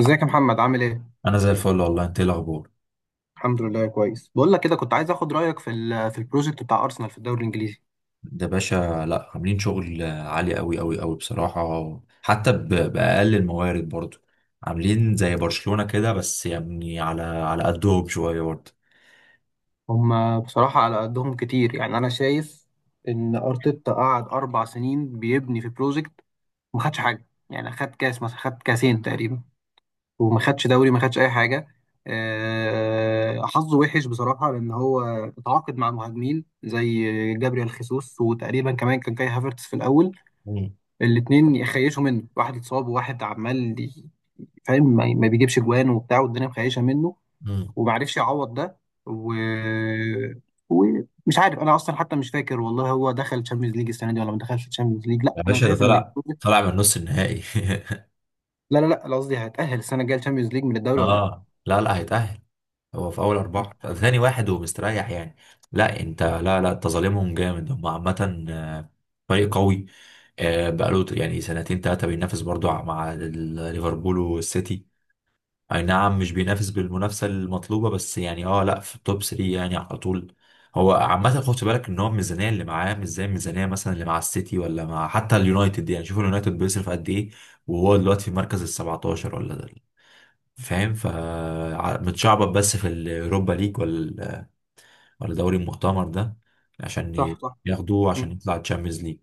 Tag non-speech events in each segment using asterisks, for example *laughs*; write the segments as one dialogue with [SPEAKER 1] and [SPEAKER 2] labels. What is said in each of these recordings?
[SPEAKER 1] ازيك يا محمد، عامل ايه؟
[SPEAKER 2] انا زي الفل والله. انت ايه الاخبار؟
[SPEAKER 1] الحمد لله كويس. بقول لك كده، كنت عايز اخد رايك في البروجكت بتاع ارسنال في الدوري الانجليزي.
[SPEAKER 2] ده باشا. لا، عاملين شغل عالي قوي قوي قوي بصراحه حتى باقل الموارد برضو. عاملين زي برشلونه كده، بس يعني على قدهم شويه برضو.
[SPEAKER 1] هم بصراحه على قدهم كتير، يعني انا شايف ان ارتيتا قعد 4 سنين بيبني في بروجكت، وما خدش حاجه، يعني خد كاس مثلا، خد كاسين تقريبا، وما خدش دوري، ما خدش اي حاجه. حظه وحش بصراحه، لان هو اتعاقد مع مهاجمين زي جابريال خيسوس، وتقريبا كمان كان كاي هافرتس في الاول.
[SPEAKER 2] مم.
[SPEAKER 1] الاتنين يخيشوا منه، واحد اتصاب وواحد عمال فاهم، ما بيجيبش جوان وبتاع، والدنيا مخيشه منه،
[SPEAKER 2] مم.
[SPEAKER 1] وما عرفش يعوض ده. و ومش عارف انا اصلا، حتى مش فاكر والله، هو دخل تشامبيونز ليج السنه دي ولا ما دخلش تشامبيونز ليج؟ لا،
[SPEAKER 2] يا
[SPEAKER 1] انا
[SPEAKER 2] باشا، ده
[SPEAKER 1] شايف ان
[SPEAKER 2] طلع طلع من نص النهائي.
[SPEAKER 1] لا لا لا، أنا قصدي هتأهل السنه الجايه تشامبيونز ليج من
[SPEAKER 2] *laughs*
[SPEAKER 1] الدوري ولا لا؟
[SPEAKER 2] اه، لا لا، هيتأهل. هو في اول اربعه، ثاني واحد ومستريح يعني. لا لا، انت ظالمهم جامد. هم عامه فريق قوي. بقاله يعني سنتين ثلاثه بينافس برضو مع ليفربول والسيتي. اي نعم، مش بينافس بالمنافسه المطلوبه، بس يعني لا، في التوب 3 يعني على طول. هو عامه خد بالك ان هو الميزانيه اللي معاه مش زي الميزانيه مثلا اللي مع السيتي ولا مع حتى اليونايتد، يعني شوف اليونايتد بيصرف قد ايه. وهو دلوقتي في المركز ال 17 ولا ده، فاهم متشعبط بس في اليوروبا ليج ولا ولا دوري المؤتمر ده، عشان
[SPEAKER 1] صح صح.
[SPEAKER 2] ياخدوه عشان
[SPEAKER 1] مم.
[SPEAKER 2] يطلع تشامبيونز ليج.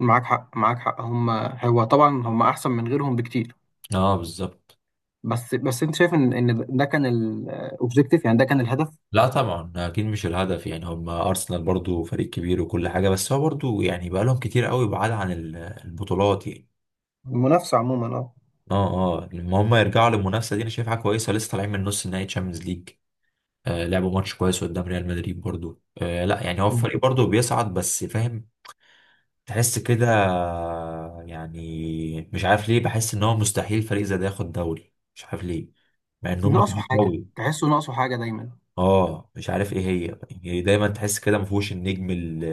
[SPEAKER 1] معاك حق، معاك حق. هو طبعا هم احسن من غيرهم بكتير.
[SPEAKER 2] اه، بالظبط.
[SPEAKER 1] بس انت شايف ان ده كان الاوبجيكتيف، يعني ده كان الهدف.
[SPEAKER 2] لا طبعا، اكيد مش الهدف. يعني هم ارسنال برضو فريق كبير وكل حاجه، بس هو برضو يعني بقى لهم كتير قوي بعاد عن البطولات يعني.
[SPEAKER 1] المنافسه عموما، اه.
[SPEAKER 2] اه. اه، لما هم يرجعوا للمنافسه دي انا شايفها كويسه. لسه طالعين من نص نهائي تشامبيونز ليج. لعبوا ماتش كويس قدام ريال مدريد برضو. لا يعني، هو
[SPEAKER 1] مم.
[SPEAKER 2] الفريق برضو بيصعد بس، فاهم. تحس كده. يعني مش عارف ليه، بحس ان هو مستحيل فريق زي ده ياخد دوري. مش عارف ليه. مع ان هم
[SPEAKER 1] ناقصه
[SPEAKER 2] فريق
[SPEAKER 1] حاجه،
[SPEAKER 2] قوي.
[SPEAKER 1] تحسه ناقصه حاجه دايما.
[SPEAKER 2] اه، مش عارف ايه هي. يعني دايما تحس كده ما فيهوش النجم ال-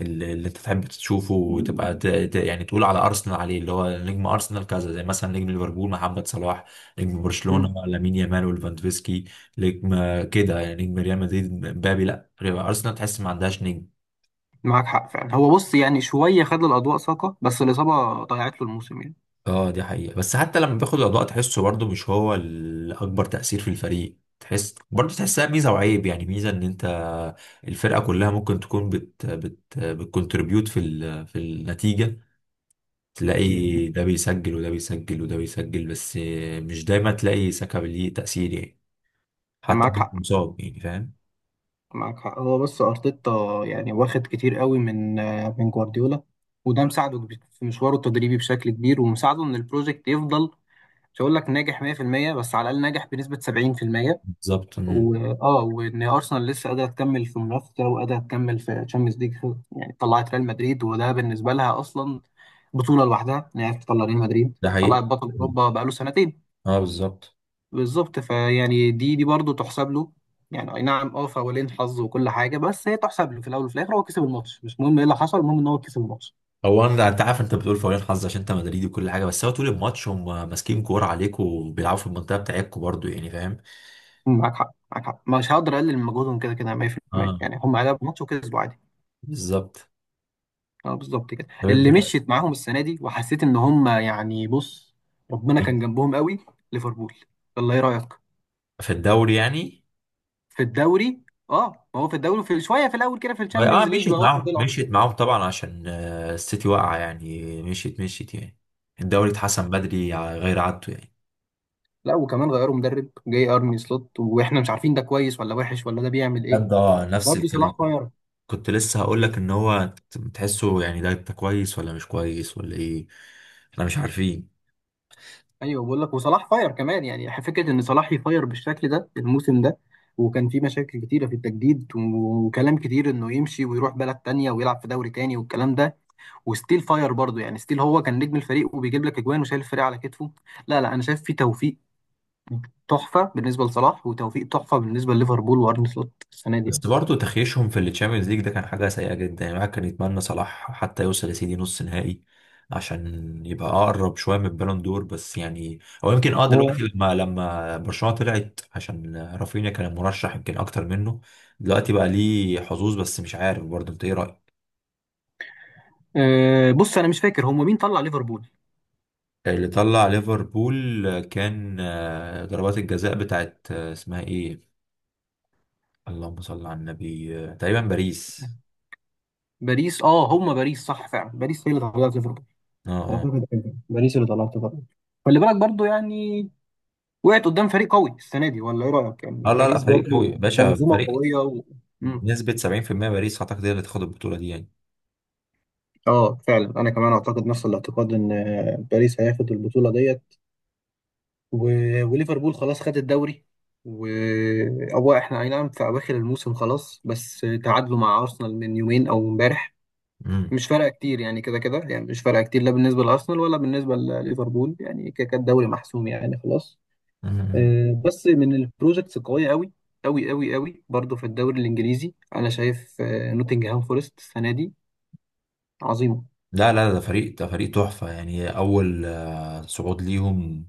[SPEAKER 2] ال- اللي انت تحب تشوفه وتبقى يعني تقول على ارسنال عليه، اللي هو نجم ارسنال كذا. زي مثلا نجم ليفربول محمد صلاح، نجم برشلونة لامين يامال وليفاندوفسكي، نجم كده يعني، نجم ريال مدريد مبابي. لا، ارسنال تحس ما عندهاش نجم.
[SPEAKER 1] معاك حق فعلا، هو بص يعني شوية خد الأضواء ساقة، بس الإصابة ضيعت له الموسم يعني.
[SPEAKER 2] اه، دي حقيقة. بس حتى لما بياخد الأضواء تحسه برضه مش هو الأكبر تأثير في الفريق. تحس برضه، تحسها ميزة وعيب يعني، ميزة إن أنت الفرقة كلها ممكن تكون بت بت بتكونتريبيوت في النتيجة. مم. تلاقي ده بيسجل، وده بيسجل، وده بيسجل، بس مش دايما تلاقي ساكا ليه تأثير يعني. حتى
[SPEAKER 1] معاك حق،
[SPEAKER 2] ممكن مصاب يعني، فاهم.
[SPEAKER 1] معاك حق. هو بس أرتيتا يعني واخد كتير قوي من جوارديولا، وده مساعده في مشواره التدريبي بشكل كبير، ومساعده إن البروجكت يفضل. مش هقول لك ناجح 100%، بس على الأقل ناجح بنسبة 70%.
[SPEAKER 2] بالظبط. مم.
[SPEAKER 1] وإن أرسنال لسه قادرة تكمل في منافسة، وقادرة تكمل في تشامبيونز ليج. يعني طلعت ريال مدريد، وده بالنسبة لها أصلا بطولة لوحدها، إن هي تطلع ريال مدريد،
[SPEAKER 2] ده
[SPEAKER 1] طلعت
[SPEAKER 2] حقيقة.
[SPEAKER 1] بطل
[SPEAKER 2] مم.
[SPEAKER 1] أوروبا بقاله سنتين.
[SPEAKER 2] اه، بالظبط.
[SPEAKER 1] بالظبط، فيعني دي برضه تحسب له، يعني اي نعم اه، فاولين حظ وكل حاجه، بس هي تحسب له في الاول وفي الاخر. هو كسب الماتش، مش مهم ايه اللي حصل، المهم ان هو كسب الماتش.
[SPEAKER 2] هو انا انت عارف، انت بتقول فوالين حظ عشان انت مدريدي وكل حاجه، بس هو طول الماتش هم ماسكين كوره عليك وبيلعبوا في المنطقه بتاعتكوا برضو يعني، فاهم.
[SPEAKER 1] مم، معاك حق، معاك حق. مش هقدر اقلل من مجهودهم كده كده 100%،
[SPEAKER 2] اه.
[SPEAKER 1] يعني هم لعبوا ماتش وكسبوا عادي.
[SPEAKER 2] بالظبط.
[SPEAKER 1] اه بالظبط كده،
[SPEAKER 2] طب انت.
[SPEAKER 1] اللي مشيت معاهم السنه دي وحسيت ان هم يعني، بص ربنا كان جنبهم قوي. ليفربول، الله، ايه رايك؟
[SPEAKER 2] في الدوري يعني.
[SPEAKER 1] في الدوري؟ اه، ما هو في الدوري في شويه في الاول كده، في
[SPEAKER 2] اه،
[SPEAKER 1] الشامبيونز ليج
[SPEAKER 2] مشيت
[SPEAKER 1] لغايه ما
[SPEAKER 2] معاهم
[SPEAKER 1] طلعوا.
[SPEAKER 2] مشيت معاهم طبعا عشان السيتي واقعه يعني، مشيت مشيت يعني. الدوري اتحسم بدري على غير عادته يعني.
[SPEAKER 1] لا، وكمان غيروا مدرب جاي ارني سلوت، واحنا مش عارفين ده كويس ولا وحش، ولا ده بيعمل ايه.
[SPEAKER 2] بجد. اه، نفس
[SPEAKER 1] برضه
[SPEAKER 2] الكلام.
[SPEAKER 1] صلاح فاير.
[SPEAKER 2] كنت لسه هقول لك ان هو تحسه يعني، ده انت كويس ولا مش كويس ولا ايه؟ احنا مش عارفين.
[SPEAKER 1] ايوه بقول لك، وصلاح فاير كمان يعني، فكره ان صلاح يفاير بالشكل ده الموسم ده، وكان في مشاكل كتيره في التجديد، وكلام كتير انه يمشي ويروح بلد تانية ويلعب في دوري تاني والكلام ده. وستيل فاير برضه يعني، ستيل هو كان نجم الفريق وبيجيب لك اجوان وشايل الفريق على كتفه. لا لا، انا شايف في توفيق تحفه بالنسبه لصلاح، وتوفيق تحفه بالنسبه لليفربول وارني سلوت السنه دي
[SPEAKER 2] بس
[SPEAKER 1] يعني.
[SPEAKER 2] برضه تخيشهم في التشامبيونز ليج ده كان حاجة سيئة جدا يعني. الواحد كان يتمنى صلاح حتى يوصل يا سيدي نص نهائي عشان يبقى أقرب شوية من البالون دور بس يعني. أو يمكن،
[SPEAKER 1] هو-
[SPEAKER 2] دلوقتي لما برشلونة طلعت عشان رافينيا كان مرشح يمكن أكتر منه. دلوقتي بقى ليه حظوظ، بس مش عارف. برضه أنت إيه رأيك؟
[SPEAKER 1] أه بص انا مش فاكر، هم مين طلع ليفربول؟
[SPEAKER 2] اللي طلع ليفربول كان ضربات الجزاء بتاعت اسمها إيه؟ اللهم صل على النبي. تقريبا باريس.
[SPEAKER 1] باريس. اه هم باريس، صح، فعلا باريس هي اللي طلعت ليفربول.
[SPEAKER 2] اه. اه،
[SPEAKER 1] اعتقد ايوه، باريس اللي طلعت بره. خلي بالك برضو يعني، وقعت قدام فريق قوي السنه دي ولا ايه رايك؟ يعني
[SPEAKER 2] اه، لا لا،
[SPEAKER 1] باريس
[SPEAKER 2] فريق
[SPEAKER 1] برضو
[SPEAKER 2] قوي يا باشا،
[SPEAKER 1] منظومه
[SPEAKER 2] فريق.
[SPEAKER 1] قويه مم.
[SPEAKER 2] بنسبة 70% باريس أعتقد هي اللي تاخد البطولة دي يعني.
[SPEAKER 1] اه فعلا، انا كمان اعتقد نفس الاعتقاد ان باريس هياخد البطوله ديت. و... وليفربول خلاص خد الدوري. و هو احنا اي نعم في اواخر الموسم خلاص، بس تعادلوا مع ارسنال من يومين او امبارح.
[SPEAKER 2] مم.
[SPEAKER 1] مش فارقه كتير يعني، كده كده يعني مش فارقه كتير، لا بالنسبه لارسنال ولا بالنسبه لليفربول، يعني كده كده الدوري محسوم يعني، خلاص.
[SPEAKER 2] مم. مم.
[SPEAKER 1] بس من البروجكتس القويه قوي قوي قوي قوي برضو في الدوري الانجليزي، انا شايف نوتنجهام فورست السنه دي عظيمه.
[SPEAKER 2] لا لا، ده فريق تحفة يعني، أول صعود ليهم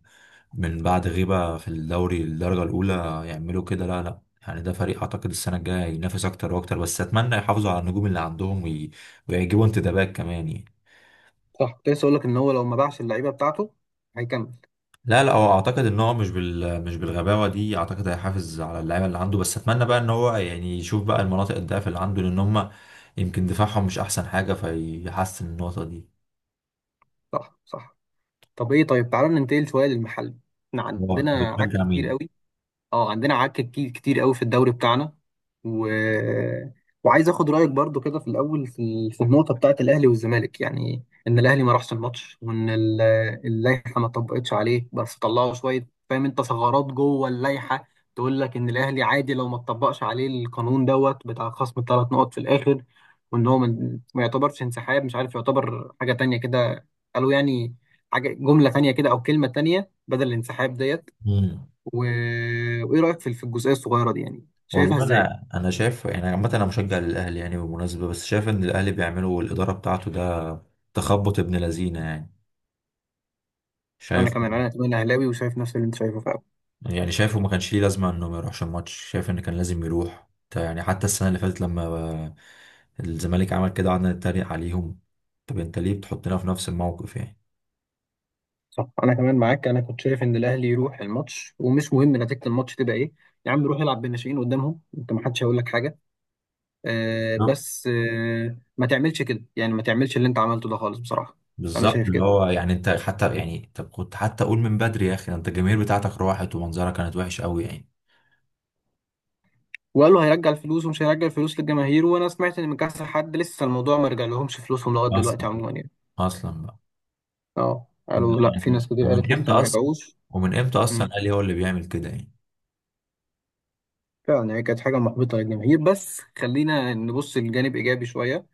[SPEAKER 2] من بعد غيبة في الدوري الدرجة الأولى. يعملوا كده. لا لا. يعني ده فريق أعتقد السنة الجاية ينافس أكتر وأكتر. بس أتمنى يحافظوا على النجوم اللي عندهم ويجيبوا انتدابات كمان يعني.
[SPEAKER 1] صح، كنت لسه اقول لك ان هو لو ما باعش اللعيبه بتاعته هيكمل.
[SPEAKER 2] لا لا، هو اعتقد ان هو مش بالغباوه دي. اعتقد هيحافظ على اللعيبه اللي عنده، بس اتمنى بقى ان هو يعني يشوف بقى المناطق الضعف اللي عنده لان هم يمكن دفاعهم مش احسن حاجه، فيحسن النقطه دي.
[SPEAKER 1] صح صح. طب ايه، طيب تعالى ننتقل شويه للمحل، احنا
[SPEAKER 2] هو طب
[SPEAKER 1] عندنا عك
[SPEAKER 2] بتشجع
[SPEAKER 1] كتير
[SPEAKER 2] مين؟
[SPEAKER 1] قوي. اه عندنا عك كتير كتير قوي في الدوري بتاعنا، و... وعايز اخد رايك برضو كده في الاول، في النقطه بتاعه الاهلي والزمالك، يعني ان الاهلي ما راحش الماتش، وان اللائحه ما طبقتش عليه، بس طلعوا شويه، فاهم انت، ثغرات جوه اللائحه تقول لك ان الاهلي عادي لو ما طبقش عليه القانون دوت بتاع خصم الثلاث نقط في الاخر، وان هو ما يعتبرش انسحاب. مش عارف، يعتبر حاجه تانية كده، قالوا يعني حاجه جمله تانية كده، او كلمه تانية بدل الانسحاب ديت.
[SPEAKER 2] مم.
[SPEAKER 1] و... وايه رايك في الجزئيه الصغيره دي، يعني شايفها
[SPEAKER 2] والله،
[SPEAKER 1] ازاي؟
[SPEAKER 2] انا شايف يعني عامه، انا مشجع للاهلي يعني بالمناسبه، بس شايف ان الاهلي بيعملوا الاداره بتاعته ده تخبط ابن لذينه يعني.
[SPEAKER 1] انا
[SPEAKER 2] شايف.
[SPEAKER 1] كمان انا كمان اهلاوي، وشايف نفس اللي انت شايفه فعلا.
[SPEAKER 2] يعني شايفه ما كانش ليه لازمة انه ما يروحش الماتش. شايف ان كان لازم يروح يعني حتى السنة اللي فاتت لما الزمالك عمل كده، قعدنا نتريق عليهم. طب انت ليه بتحطنا في نفس الموقف يعني؟
[SPEAKER 1] صح، انا كمان معاك، انا كنت شايف ان الاهلي يروح الماتش، ومش مهم نتيجه الماتش تبقى ايه. يا عم، روح العب بالناشئين قدامهم انت، ما حدش هيقول لك حاجه.
[SPEAKER 2] نعم.
[SPEAKER 1] بس ما تعملش كده يعني، ما تعملش اللي انت عملته ده خالص بصراحه. انا
[SPEAKER 2] بالظبط،
[SPEAKER 1] شايف
[SPEAKER 2] اللي
[SPEAKER 1] كده.
[SPEAKER 2] هو يعني، انت حتى يعني طب كنت حتى قول من بدري يا اخي. ده انت الجماهير بتاعتك راحت ومنظرها كانت وحش قوي يعني.
[SPEAKER 1] وقالوا هيرجع الفلوس ومش هيرجع الفلوس للجماهير، وانا سمعت ان من كذا حد لسه الموضوع ما رجعلهمش فلوسهم لغايه دلوقتي
[SPEAKER 2] اصلا.
[SPEAKER 1] عموما يعني.
[SPEAKER 2] اصلا بقى.
[SPEAKER 1] اه، قالوا لا، في
[SPEAKER 2] يعني
[SPEAKER 1] ناس كتير قالت
[SPEAKER 2] ومن امتى
[SPEAKER 1] لسه ما
[SPEAKER 2] اصلا؟
[SPEAKER 1] رجعوش.
[SPEAKER 2] ومن امتى اصلا، قال هو اللي بيعمل كده يعني.
[SPEAKER 1] فعلا، هي كانت حاجة محبطة للجماهير، بس خلينا نبص لجانب إيجابي شوية،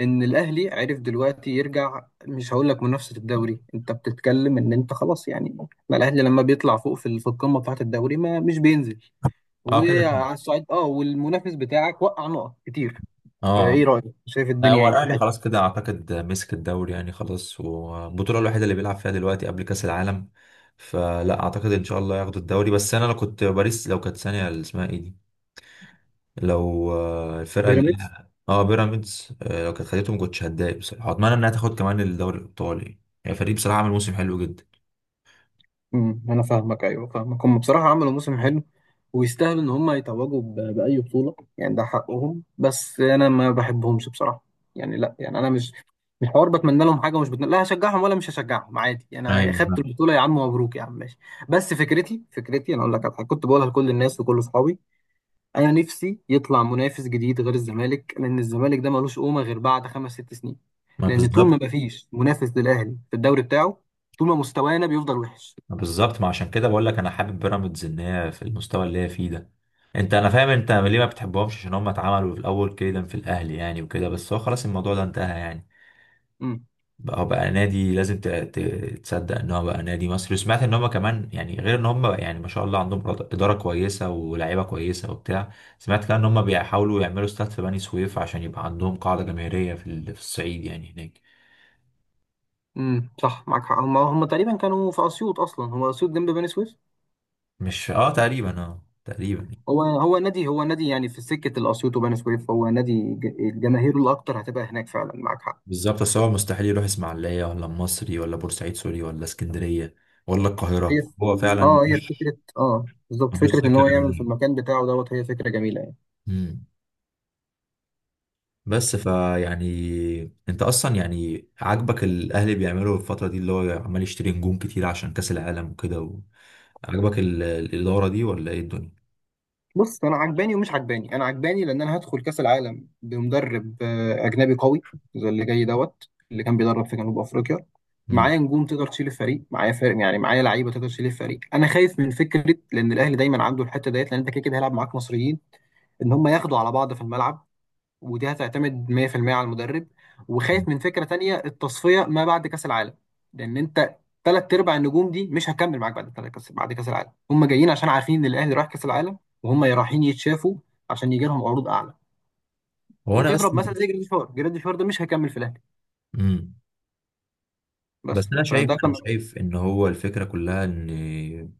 [SPEAKER 1] إن الأهلي عرف دلوقتي يرجع. مش هقول لك منافسة الدوري، أنت بتتكلم إن أنت خلاص يعني، ما الأهلي لما بيطلع فوق في القمة بتاعة الدوري ما مش بينزل،
[SPEAKER 2] اه، كده كده.
[SPEAKER 1] وعلى الصعيد والمنافس بتاعك وقع نقط كتير.
[SPEAKER 2] اه.
[SPEAKER 1] فإيه رأيك؟ شايف
[SPEAKER 2] لا،
[SPEAKER 1] الدنيا
[SPEAKER 2] هو
[SPEAKER 1] إيه في
[SPEAKER 2] الاهلي
[SPEAKER 1] الحتة؟
[SPEAKER 2] خلاص كده اعتقد مسك الدوري يعني خلاص. والبطوله الوحيده اللي بيلعب فيها دلوقتي قبل كاس العالم، فلا اعتقد، ان شاء الله ياخدوا الدوري. بس انا لو كنت باريس، لو كانت ثانيه اللي اسمها ايه دي، لو الفرقه اللي
[SPEAKER 1] بيراميدز؟
[SPEAKER 2] اه، بيراميدز. لو كانت خدته ما كنتش هتضايق بصراحه. اتمنى انها تاخد كمان الدوري الايطالي، يعني فريق بصراحه عمل موسم حلو جدا.
[SPEAKER 1] انا فاهمك، ايوه فاهمك. هم بصراحه عملوا موسم حلو، ويستاهلوا ان هم يتوجوا باي بطوله يعني، ده حقهم، بس انا ما بحبهمش بصراحه، يعني لا، يعني انا مش حوار بتمنى لهم حاجه ومش بتمنى، لا هشجعهم ولا مش هشجعهم عادي. انا خدت
[SPEAKER 2] ايوه.
[SPEAKER 1] البطوله يا عم، مبروك يا عم، ماشي. بس فكرتي، انا اقول لك على حاجه كنت بقولها لكل الناس وكل اصحابي. انا نفسي يطلع منافس جديد غير الزمالك، لان الزمالك ده ملوش قومه غير بعد خمس ست سنين،
[SPEAKER 2] ما
[SPEAKER 1] لان طول ما
[SPEAKER 2] بالظبط.
[SPEAKER 1] مفيش منافس للاهلي في الدوري بتاعه، طول ما مستوانا بيفضل وحش.
[SPEAKER 2] بالظبط، ما عشان كده بقول لك انا حابب بيراميدز ان هي في المستوى اللي هي فيه ده. انا فاهم انت ليه ما بتحبهمش، عشان هم اتعملوا في الاول كيدا في الاهلي يعني وكده. بس هو خلاص الموضوع ده انتهى يعني. بقى هو بقى نادي، لازم تصدق ان هو بقى نادي مصري. وسمعت ان هم كمان يعني، غير ان هم يعني ما شاء الله عندهم اداره كويسه ولاعيبه كويسه وبتاع. سمعت كمان ان هم بيحاولوا يعملوا استاد في بني سويف عشان يبقى عندهم قاعده جماهيريه في الصعيد يعني هناك.
[SPEAKER 1] صح، معاك حق. هم تقريبا كانوا في اسيوط، اصلا هو اسيوط جنب بني سويف.
[SPEAKER 2] مش، اه تقريبا، اه تقريبا.
[SPEAKER 1] هو نادي يعني، في سكه الاسيوط وبني سويف، هو نادي الجماهير الاكتر هتبقى هناك، فعلا معاك حق.
[SPEAKER 2] بالظبط، بس هو مستحيل يروح اسماعيليه ولا المصري ولا بورسعيد. سوري، ولا اسكندريه ولا القاهره.
[SPEAKER 1] هي ف-
[SPEAKER 2] هو فعلا
[SPEAKER 1] اه هي
[SPEAKER 2] ملوش،
[SPEAKER 1] فكره، اه بالظبط،
[SPEAKER 2] ملوش
[SPEAKER 1] فكره ان
[SPEAKER 2] سكه
[SPEAKER 1] هو يعمل في
[SPEAKER 2] غير.
[SPEAKER 1] المكان بتاعه دوت، هي فكره جميله يعني.
[SPEAKER 2] امم. بس، فيعني انت اصلا يعني، عاجبك الاهلي بيعملوا الفتره دي اللي هو عمال يشتري نجوم كتير عشان كاس العالم وكده عجبك الاداره دي ولا ايه الدنيا؟
[SPEAKER 1] بص، انا عجباني ومش عجباني. انا عجباني لان انا هدخل كاس العالم بمدرب اجنبي قوي، زي اللي جاي دوت، اللي كان بيدرب في جنوب افريقيا.
[SPEAKER 2] امم.
[SPEAKER 1] معايا نجوم تقدر تشيل الفريق، معايا فرق يعني، معايا لعيبه تقدر تشيل الفريق. انا خايف من فكره، لان الاهلي دايما عنده الحته ديت، لان انت كده كده هيلعب معاك مصريين، ان هم ياخدوا على بعض في الملعب، ودي هتعتمد 100% على المدرب. وخايف من فكرة تانية، التصفية ما بعد كأس العالم، لأن أنت تلات أرباع النجوم دي مش هتكمل معاك بعد كأس العالم. هم جايين عشان عارفين إن الأهلي رايح كأس العالم، وهم رايحين يتشافوا عشان يجي لهم عروض أعلى.
[SPEAKER 2] هو انا بس.
[SPEAKER 1] نضرب مثلا زي جراديشوار، ده مش هيكمل في الأهلي،
[SPEAKER 2] امم. بس
[SPEAKER 1] بس
[SPEAKER 2] انا شايف
[SPEAKER 1] فده
[SPEAKER 2] انا
[SPEAKER 1] كان.
[SPEAKER 2] شايف ان هو الفكره كلها ان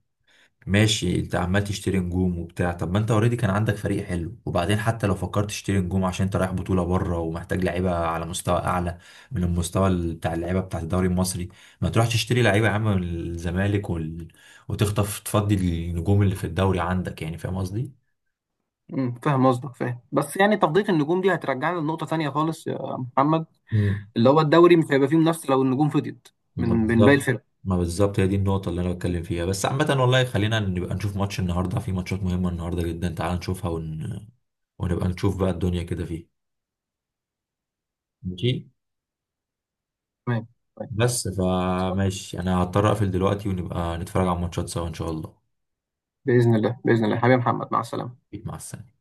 [SPEAKER 2] ماشي، انت عمال تشتري نجوم وبتاع. طب ما انت اوريدي كان عندك فريق حلو، وبعدين حتى لو فكرت تشتري نجوم عشان انت رايح بطولة بره ومحتاج لعيبة على مستوى اعلى من المستوى بتاع اللعيبة بتاع الدوري المصري، ما تروحش تشتري لعيبة يا عم من الزمالك وتخطف تفضي النجوم اللي في الدوري عندك يعني. فاهم قصدي؟
[SPEAKER 1] مم، فاهم قصدك، فاهم، بس يعني تفضيل النجوم دي هترجعنا لنقطة تانية خالص يا محمد،
[SPEAKER 2] مم.
[SPEAKER 1] اللي هو الدوري مش هيبقى فيه منافسة لو النجوم فضيت من
[SPEAKER 2] ما
[SPEAKER 1] من باقي
[SPEAKER 2] بالظبط.
[SPEAKER 1] الفرق.
[SPEAKER 2] ما بالظبط، هي دي النقطة اللي أنا بتكلم فيها. بس عامة والله، خلينا نبقى نشوف ماتش النهاردة. في ماتشات مهمة النهاردة جدا، تعال نشوفها ونبقى نشوف بقى الدنيا كده فيه. ماشي.
[SPEAKER 1] تمام. طيب.
[SPEAKER 2] بس فماشي، انا هضطر اقفل دلوقتي ونبقى نتفرج على الماتشات سوا ان شاء الله.
[SPEAKER 1] باذن الله باذن الله، حبيبي محمد، مع السلامه.
[SPEAKER 2] مع السلامة.